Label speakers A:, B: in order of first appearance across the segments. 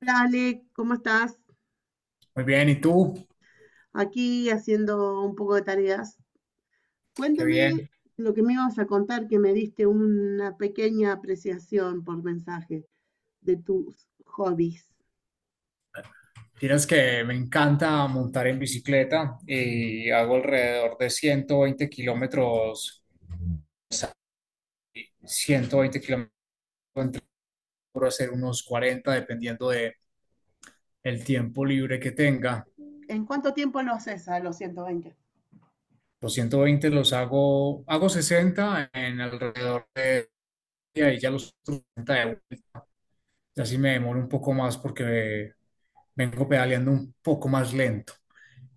A: Hola Ale, ¿cómo estás?
B: Muy bien, ¿y tú?
A: Aquí haciendo un poco de tareas.
B: Qué
A: Cuéntame
B: bien.
A: lo que me ibas a contar, que me diste una pequeña apreciación por mensaje de tus hobbies.
B: Tienes que me encanta montar en bicicleta y hago alrededor de 120 kilómetros, 120 kilómetros entre ser unos 40 dependiendo de el tiempo libre que tenga.
A: ¿En cuánto tiempo lo haces a los 120?
B: Los 120 los hago 60 en alrededor de día y ya los 30 de vuelta. Y así me demoro un poco más porque vengo pedaleando un poco más lento.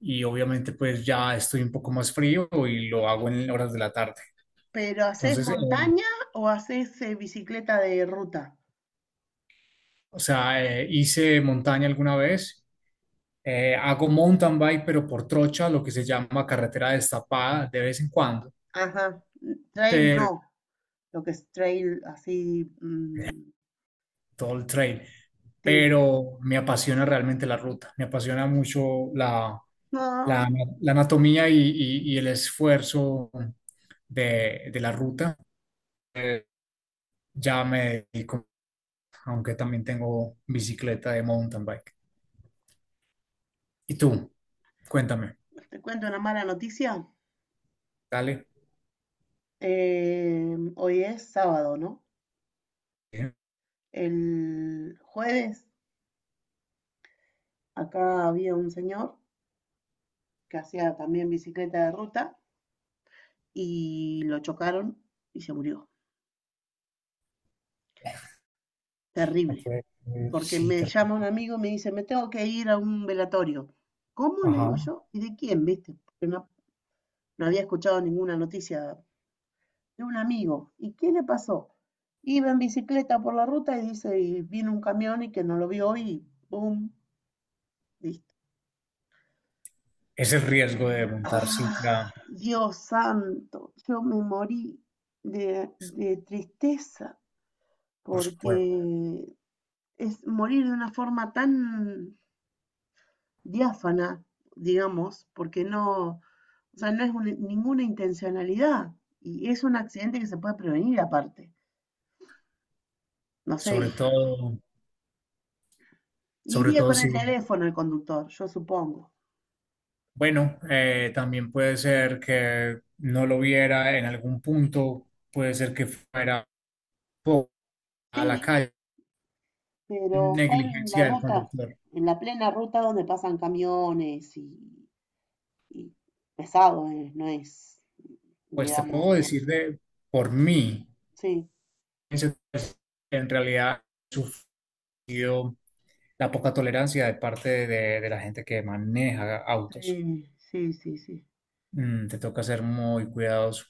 B: Y obviamente pues ya estoy un poco más frío y lo hago en horas de la tarde.
A: ¿Pero haces
B: Entonces,
A: montaña o haces bicicleta de ruta?
B: o sea, hice montaña alguna vez, hago mountain bike, pero por trocha, lo que se llama carretera destapada de vez en cuando,
A: Ajá, mm, trail no,
B: pero
A: lo que es trail así, mm,
B: todo el trail.
A: sí.
B: Pero me apasiona realmente la ruta, me apasiona mucho
A: No,
B: la, la anatomía, y el esfuerzo de la ruta. Eh, ya me dedico, aunque también tengo bicicleta de mountain bike. ¿Y tú? Cuéntame,
A: te cuento una mala noticia.
B: dale.
A: Hoy es sábado, ¿no? El jueves acá había un señor que hacía también bicicleta de ruta y lo chocaron y se murió.
B: No
A: Terrible.
B: fue,
A: Porque
B: sí,
A: me llama un amigo y me dice, me tengo que ir a un velatorio. ¿Cómo? Le digo
B: ajá.
A: yo. ¿Y de quién, viste? Porque no, no había escuchado ninguna noticia de un amigo. ¿Y qué le pasó? Iba en bicicleta por la ruta y dice, y vino un camión y que no lo vio y ¡pum! Listo.
B: Es el riesgo de montar
A: Ah,
B: cicla,
A: Dios santo, yo me morí de tristeza
B: por
A: porque
B: supuesto.
A: es morir de una forma tan diáfana, digamos, porque no, o sea, no es un- ninguna intencionalidad y es un accidente que se puede prevenir aparte. No sé,
B: Sobre todo, sobre
A: iría
B: todo
A: con el
B: si,
A: teléfono el conductor, yo supongo.
B: bueno, también puede ser que no lo viera en algún punto, puede ser que fuera po- a la
A: Sí,
B: calle,
A: pero fue en la
B: negligencia del
A: ruta,
B: conductor.
A: en la plena ruta donde pasan camiones y pesado, no es,
B: Pues te
A: digamos,
B: puedo decir de por mí.
A: sí.
B: En realidad, la poca tolerancia de parte de la gente que maneja autos.
A: Sí, sí, sí, sí.
B: Te toca ser muy cuidadoso.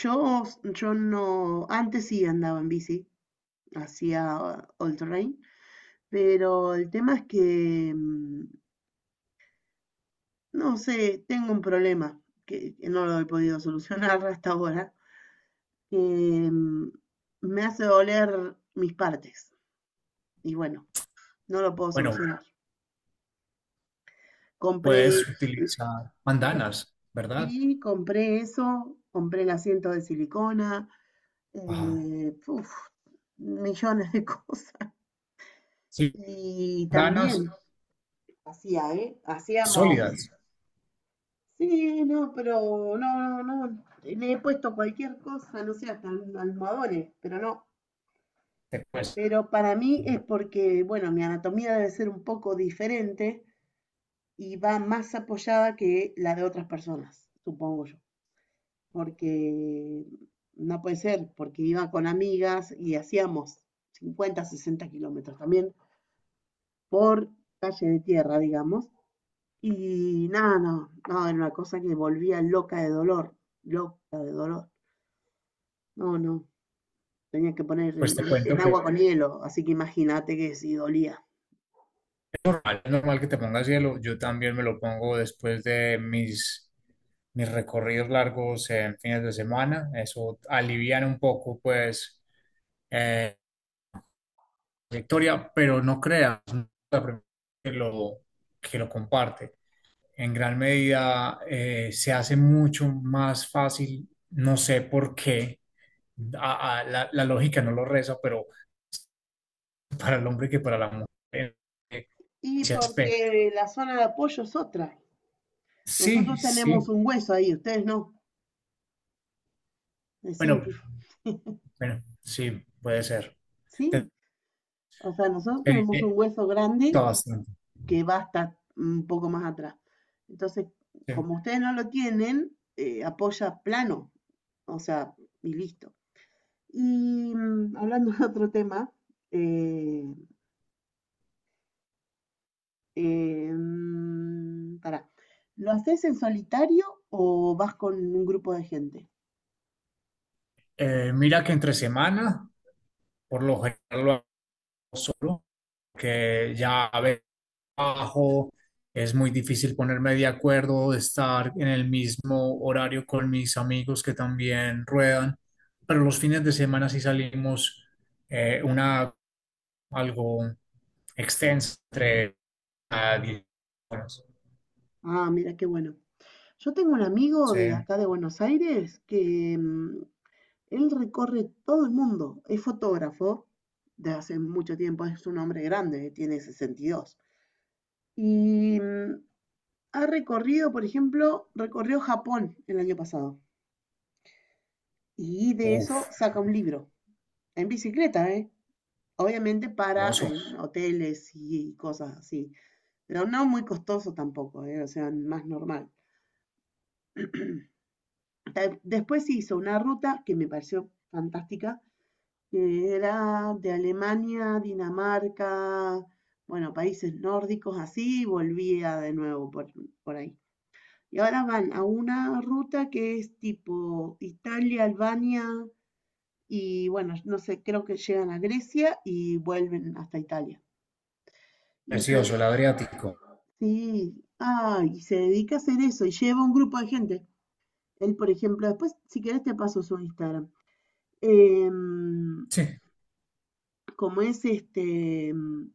A: Yo, yo no, antes sí andaba en bici, hacía all terrain, pero el tema es que, mm, no sé, tengo un problema que no lo he podido solucionar hasta ahora, que mm, me hace doler mis partes. Y bueno, no lo puedo
B: Bueno,
A: solucionar. Compré,
B: puedes utilizar bandanas, ¿verdad?
A: sí, compré eso, compré el asiento de silicona,
B: Ajá.
A: puf, millones de cosas.
B: Sí,
A: Y
B: bandanas
A: también hacía, ¿eh? Hacíamos,
B: sólidas.
A: sí, no, pero no, no, no, le he puesto cualquier cosa, no sé, hasta almohadones, pero no.
B: Te cues-
A: Pero para mí es porque, bueno, mi anatomía debe ser un poco diferente y va más apoyada que la de otras personas, supongo yo. Porque no puede ser, porque iba con amigas y hacíamos 50, 60 kilómetros también por calle de tierra, digamos. Y nada, no, no, era una cosa que volvía loca de dolor, loca de dolor. No, no, tenía que poner
B: pues te cuento
A: en
B: que
A: agua con hielo, así que imagínate que si dolía.
B: es normal que te pongas hielo. Yo también me lo pongo después de mis recorridos largos en fines de semana. Eso alivian un poco, pues eh, trayectoria, pero no creas, no es la primera que lo, que lo comparte. En gran medida, se hace mucho más fácil, no sé por qué, la lógica no lo reza, pero para el hombre que para la mujer en
A: Y
B: ese aspecto.
A: porque la zona de apoyo es otra.
B: Sí,
A: Nosotros tenemos
B: sí,
A: un hueso ahí, ustedes no, es simple.
B: bueno, bueno, sí, puede ser. Eh,
A: Sí, o sea, nosotros
B: eh,
A: tenemos un
B: está
A: hueso grande
B: bastante.
A: que va hasta un poco más atrás. Entonces,
B: Sí.
A: como ustedes no lo tienen, apoya plano, o sea, y listo. Y mm, hablando de otro tema, eh, mm, pará, ¿lo haces en solitario o vas con un grupo de gente?
B: Mira que entre semana, por lo general lo hago solo, que ya a veces trabajo, es muy difícil ponerme de acuerdo, de estar en el mismo horario con mis amigos que también ruedan, pero los fines de semana sí salimos, una, algo extensa, entre a 10 horas.
A: Ah, mira, qué bueno. Yo tengo un amigo
B: Sí,
A: de acá de Buenos Aires que mm, él recorre todo el mundo, es fotógrafo de hace mucho tiempo, es un hombre grande, tiene 62 y mm, ha recorrido, por ejemplo, recorrió Japón el año pasado. Y de eso
B: uf,
A: saca un libro, en bicicleta, ¿eh? Obviamente para
B: hermoso,
A: hoteles y cosas así, pero no muy costoso tampoco, ¿eh? O sea, más normal. Después hizo una ruta que me pareció fantástica, que era de Alemania, Dinamarca, bueno, países nórdicos así, y volvía de nuevo por ahí. Y ahora van a una ruta que es tipo Italia, Albania y bueno, no sé, creo que llegan a Grecia y vuelven hasta Italia. Y se,
B: precioso, el Adriático.
A: sí, ah, y se dedica a hacer eso y lleva un grupo de gente. Él, por ejemplo, después, si querés, te paso su Instagram. Em,
B: Sí,
A: como es este, em,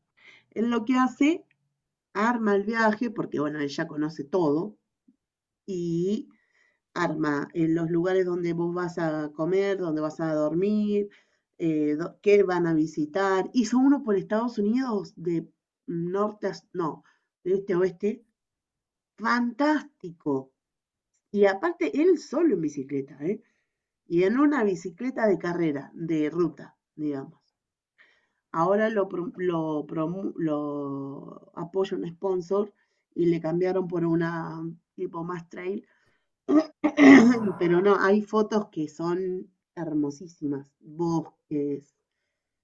A: él lo que hace arma el viaje, porque bueno, él ya conoce todo, y arma en los lugares donde vos vas a comer, donde vas a dormir, qué van a visitar. Hizo uno por Estados Unidos de norte a, no, de este a oeste, fantástico. Y aparte, él solo en bicicleta, ¿eh? Y en una bicicleta de carrera, de ruta, digamos. Ahora lo apoya un sponsor y le cambiaron por una mm, tipo más trail. Pero no, hay fotos que son hermosísimas. Bosques,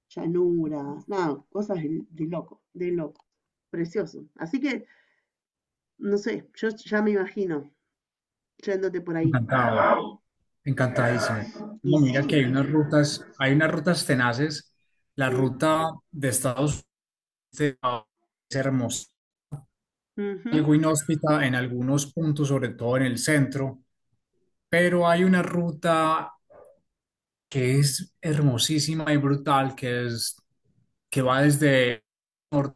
A: llanuras, nada, cosas de loco, de loco. Precioso. Así que, no sé, yo ya me imagino yéndote por ahí.
B: encantado, encantadísimo.
A: Y
B: No, mira
A: sí,
B: que hay unas rutas tenaces. La
A: mm,
B: ruta de Estados Unidos es hermosa,
A: ujú,
B: algo inhóspita en algunos puntos, sobre todo en el centro, pero hay una ruta que es hermosísima y brutal, que es que va desde nor-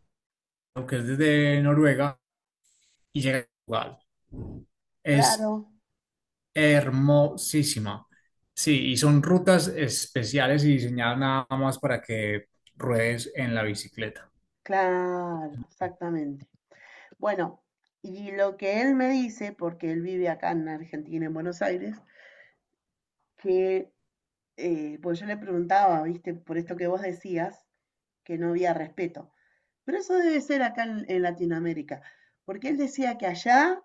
B: que es desde Noruega y llega a Portugal. Es
A: claro,
B: hermosísima. Sí, y son rutas especiales y diseñadas nada más para que ruedes en la bicicleta.
A: claro, exactamente. Bueno, y lo que él me dice, porque él vive acá en Argentina, en Buenos Aires, que, pues yo le preguntaba, viste, por esto que vos decías, que no había respeto. Pero eso debe ser acá en Latinoamérica, porque él decía que allá,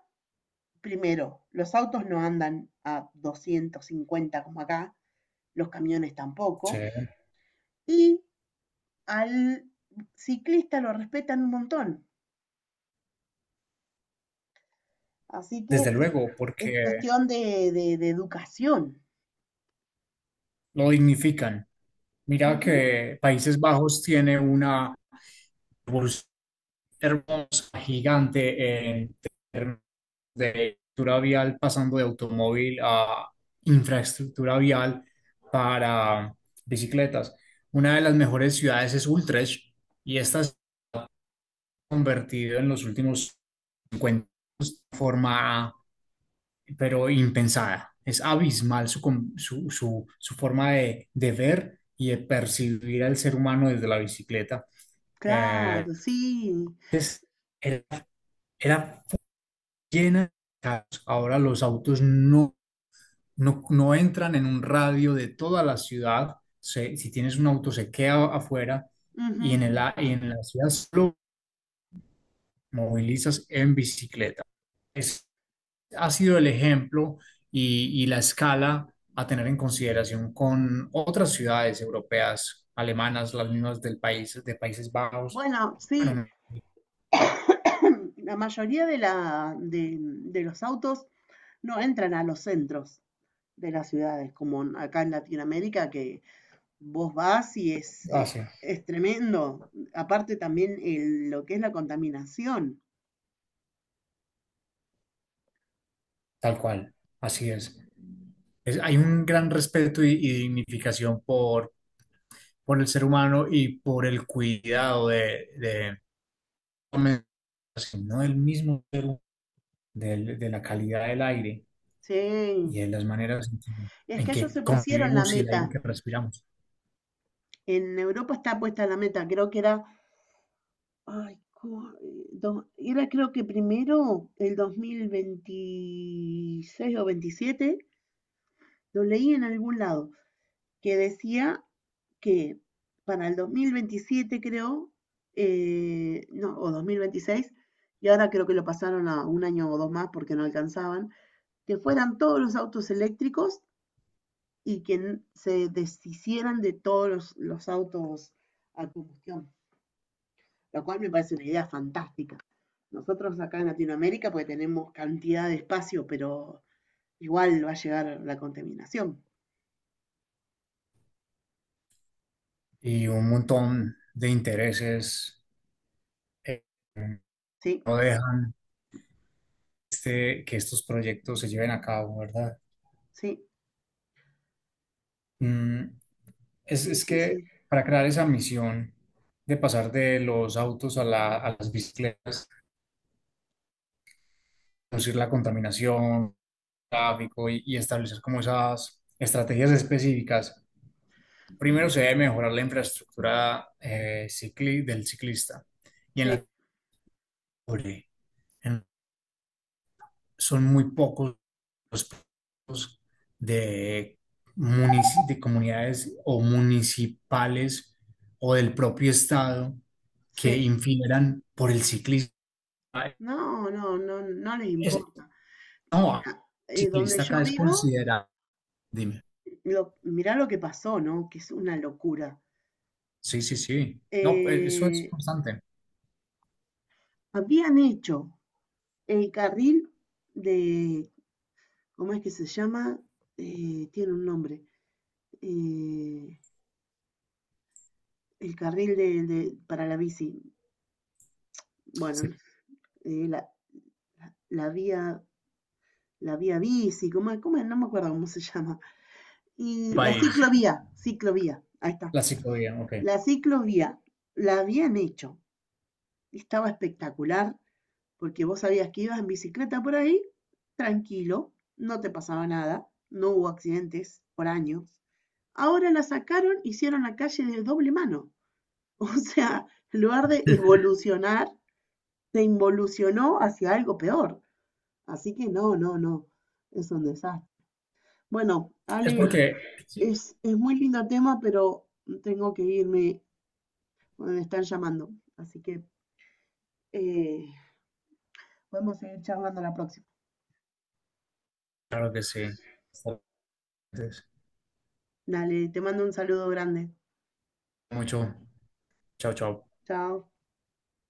A: primero, los autos no andan a 250 como acá, los camiones
B: Sí,
A: tampoco, y al ciclista lo respetan un montón. Así que
B: desde luego,
A: es
B: porque
A: cuestión de, de educación.
B: lo dignifican. Mira
A: Ujú.
B: que Países Bajos tiene una hermosa, gigante en términos de infraestructura vial, pasando de automóvil a infraestructura vial para bicicletas. Una de las mejores ciudades es Utrecht y esta se ha convertido en los últimos 50 años de forma, pero impensada. Es abismal su, su, su forma de ver y de percibir al ser humano desde la bicicleta. Eh,
A: Claro, sí.
B: es- era, era llena de carros. Ahora los autos no entran en un radio de toda la ciudad. Si tienes un auto, se queda afuera y
A: Ujú.
B: y en la ciudad solo movilizas en bicicleta. Es, ha sido el ejemplo y la escala a tener en consideración con otras ciudades europeas, alemanas, las mismas del país, de Países Bajos.
A: Bueno, sí,
B: Bueno,
A: la mayoría de, la, de los autos no entran a los centros de las ciudades, como acá en Latinoamérica, que vos vas y
B: así.
A: es tremendo. Aparte también lo que es la contaminación.
B: Tal cual, así es. Hay un gran respeto y dignificación por el ser humano y por el cuidado de no del mismo, de la calidad del aire
A: Sí,
B: y de las maneras
A: es que
B: en
A: ellos
B: que
A: se pusieron la
B: convivimos y el aire
A: meta.
B: que respiramos.
A: En Europa está puesta la meta, creo que era era creo que primero el 2026 o 27, lo leí en algún lado, que decía que para el 2027 creo, no, o 2026, y ahora creo que lo pasaron a un año o dos más porque no alcanzaban, que fueran todos los autos eléctricos y que se deshicieran de todos los autos a combustión. Lo cual me parece una idea fantástica. Nosotros acá en Latinoamérica pues tenemos cantidad de espacio, pero igual va a llegar la contaminación.
B: Y un montón de intereses eh,
A: Sí,
B: no dejan de que estos proyectos se lleven a cabo, ¿verdad?
A: sí,
B: Mm, Es,
A: sí,
B: es
A: sí,
B: que
A: sí,
B: para crear esa misión de pasar de los autos a, a las bicicletas, reducir la contaminación, tráfico y establecer como esas estrategias específicas, primero se debe mejorar la infraestructura, del ciclista. Y en
A: sí,
B: la en- son muy pocos los puntos de, de comunidades o municipales o del propio estado que
A: sí.
B: infieran por el ciclismo.
A: No, no, no, no les
B: Es,
A: importa.
B: no, el
A: Mira, donde
B: ciclista
A: yo
B: acá es
A: vivo,
B: considerado. Dime.
A: lo, mirá lo que pasó, ¿no? Que es una locura.
B: Sí, sí, sí. No, eso es
A: Eh,
B: constante.
A: habían hecho el carril de, ¿cómo es que se llama? Tiene un nombre. Eh, el carril de, para la bici,
B: Sí.
A: bueno, eh, la, la- la vía, la vía bici, ¿cómo, es? ¿Cómo No me acuerdo cómo se llama. Y la
B: País,
A: ciclovía, ciclovía, ahí está.
B: la ciclovía, ok.
A: La ciclovía la habían hecho, estaba espectacular, porque vos sabías que ibas en bicicleta por ahí, tranquilo, no te pasaba nada, no hubo accidentes por años. Ahora la sacaron, hicieron la calle de doble mano. O sea, en lugar de evolucionar, se involucionó hacia algo peor. Así que no, no, no, es un desastre. Bueno,
B: Es
A: Ale,
B: porque, sí,
A: es muy lindo tema, pero tengo que irme, me están llamando. Así que eh, podemos seguir charlando la próxima.
B: claro que sí.
A: Dale, te mando un saludo grande.
B: Mucho. Chao, chao.
A: Chao.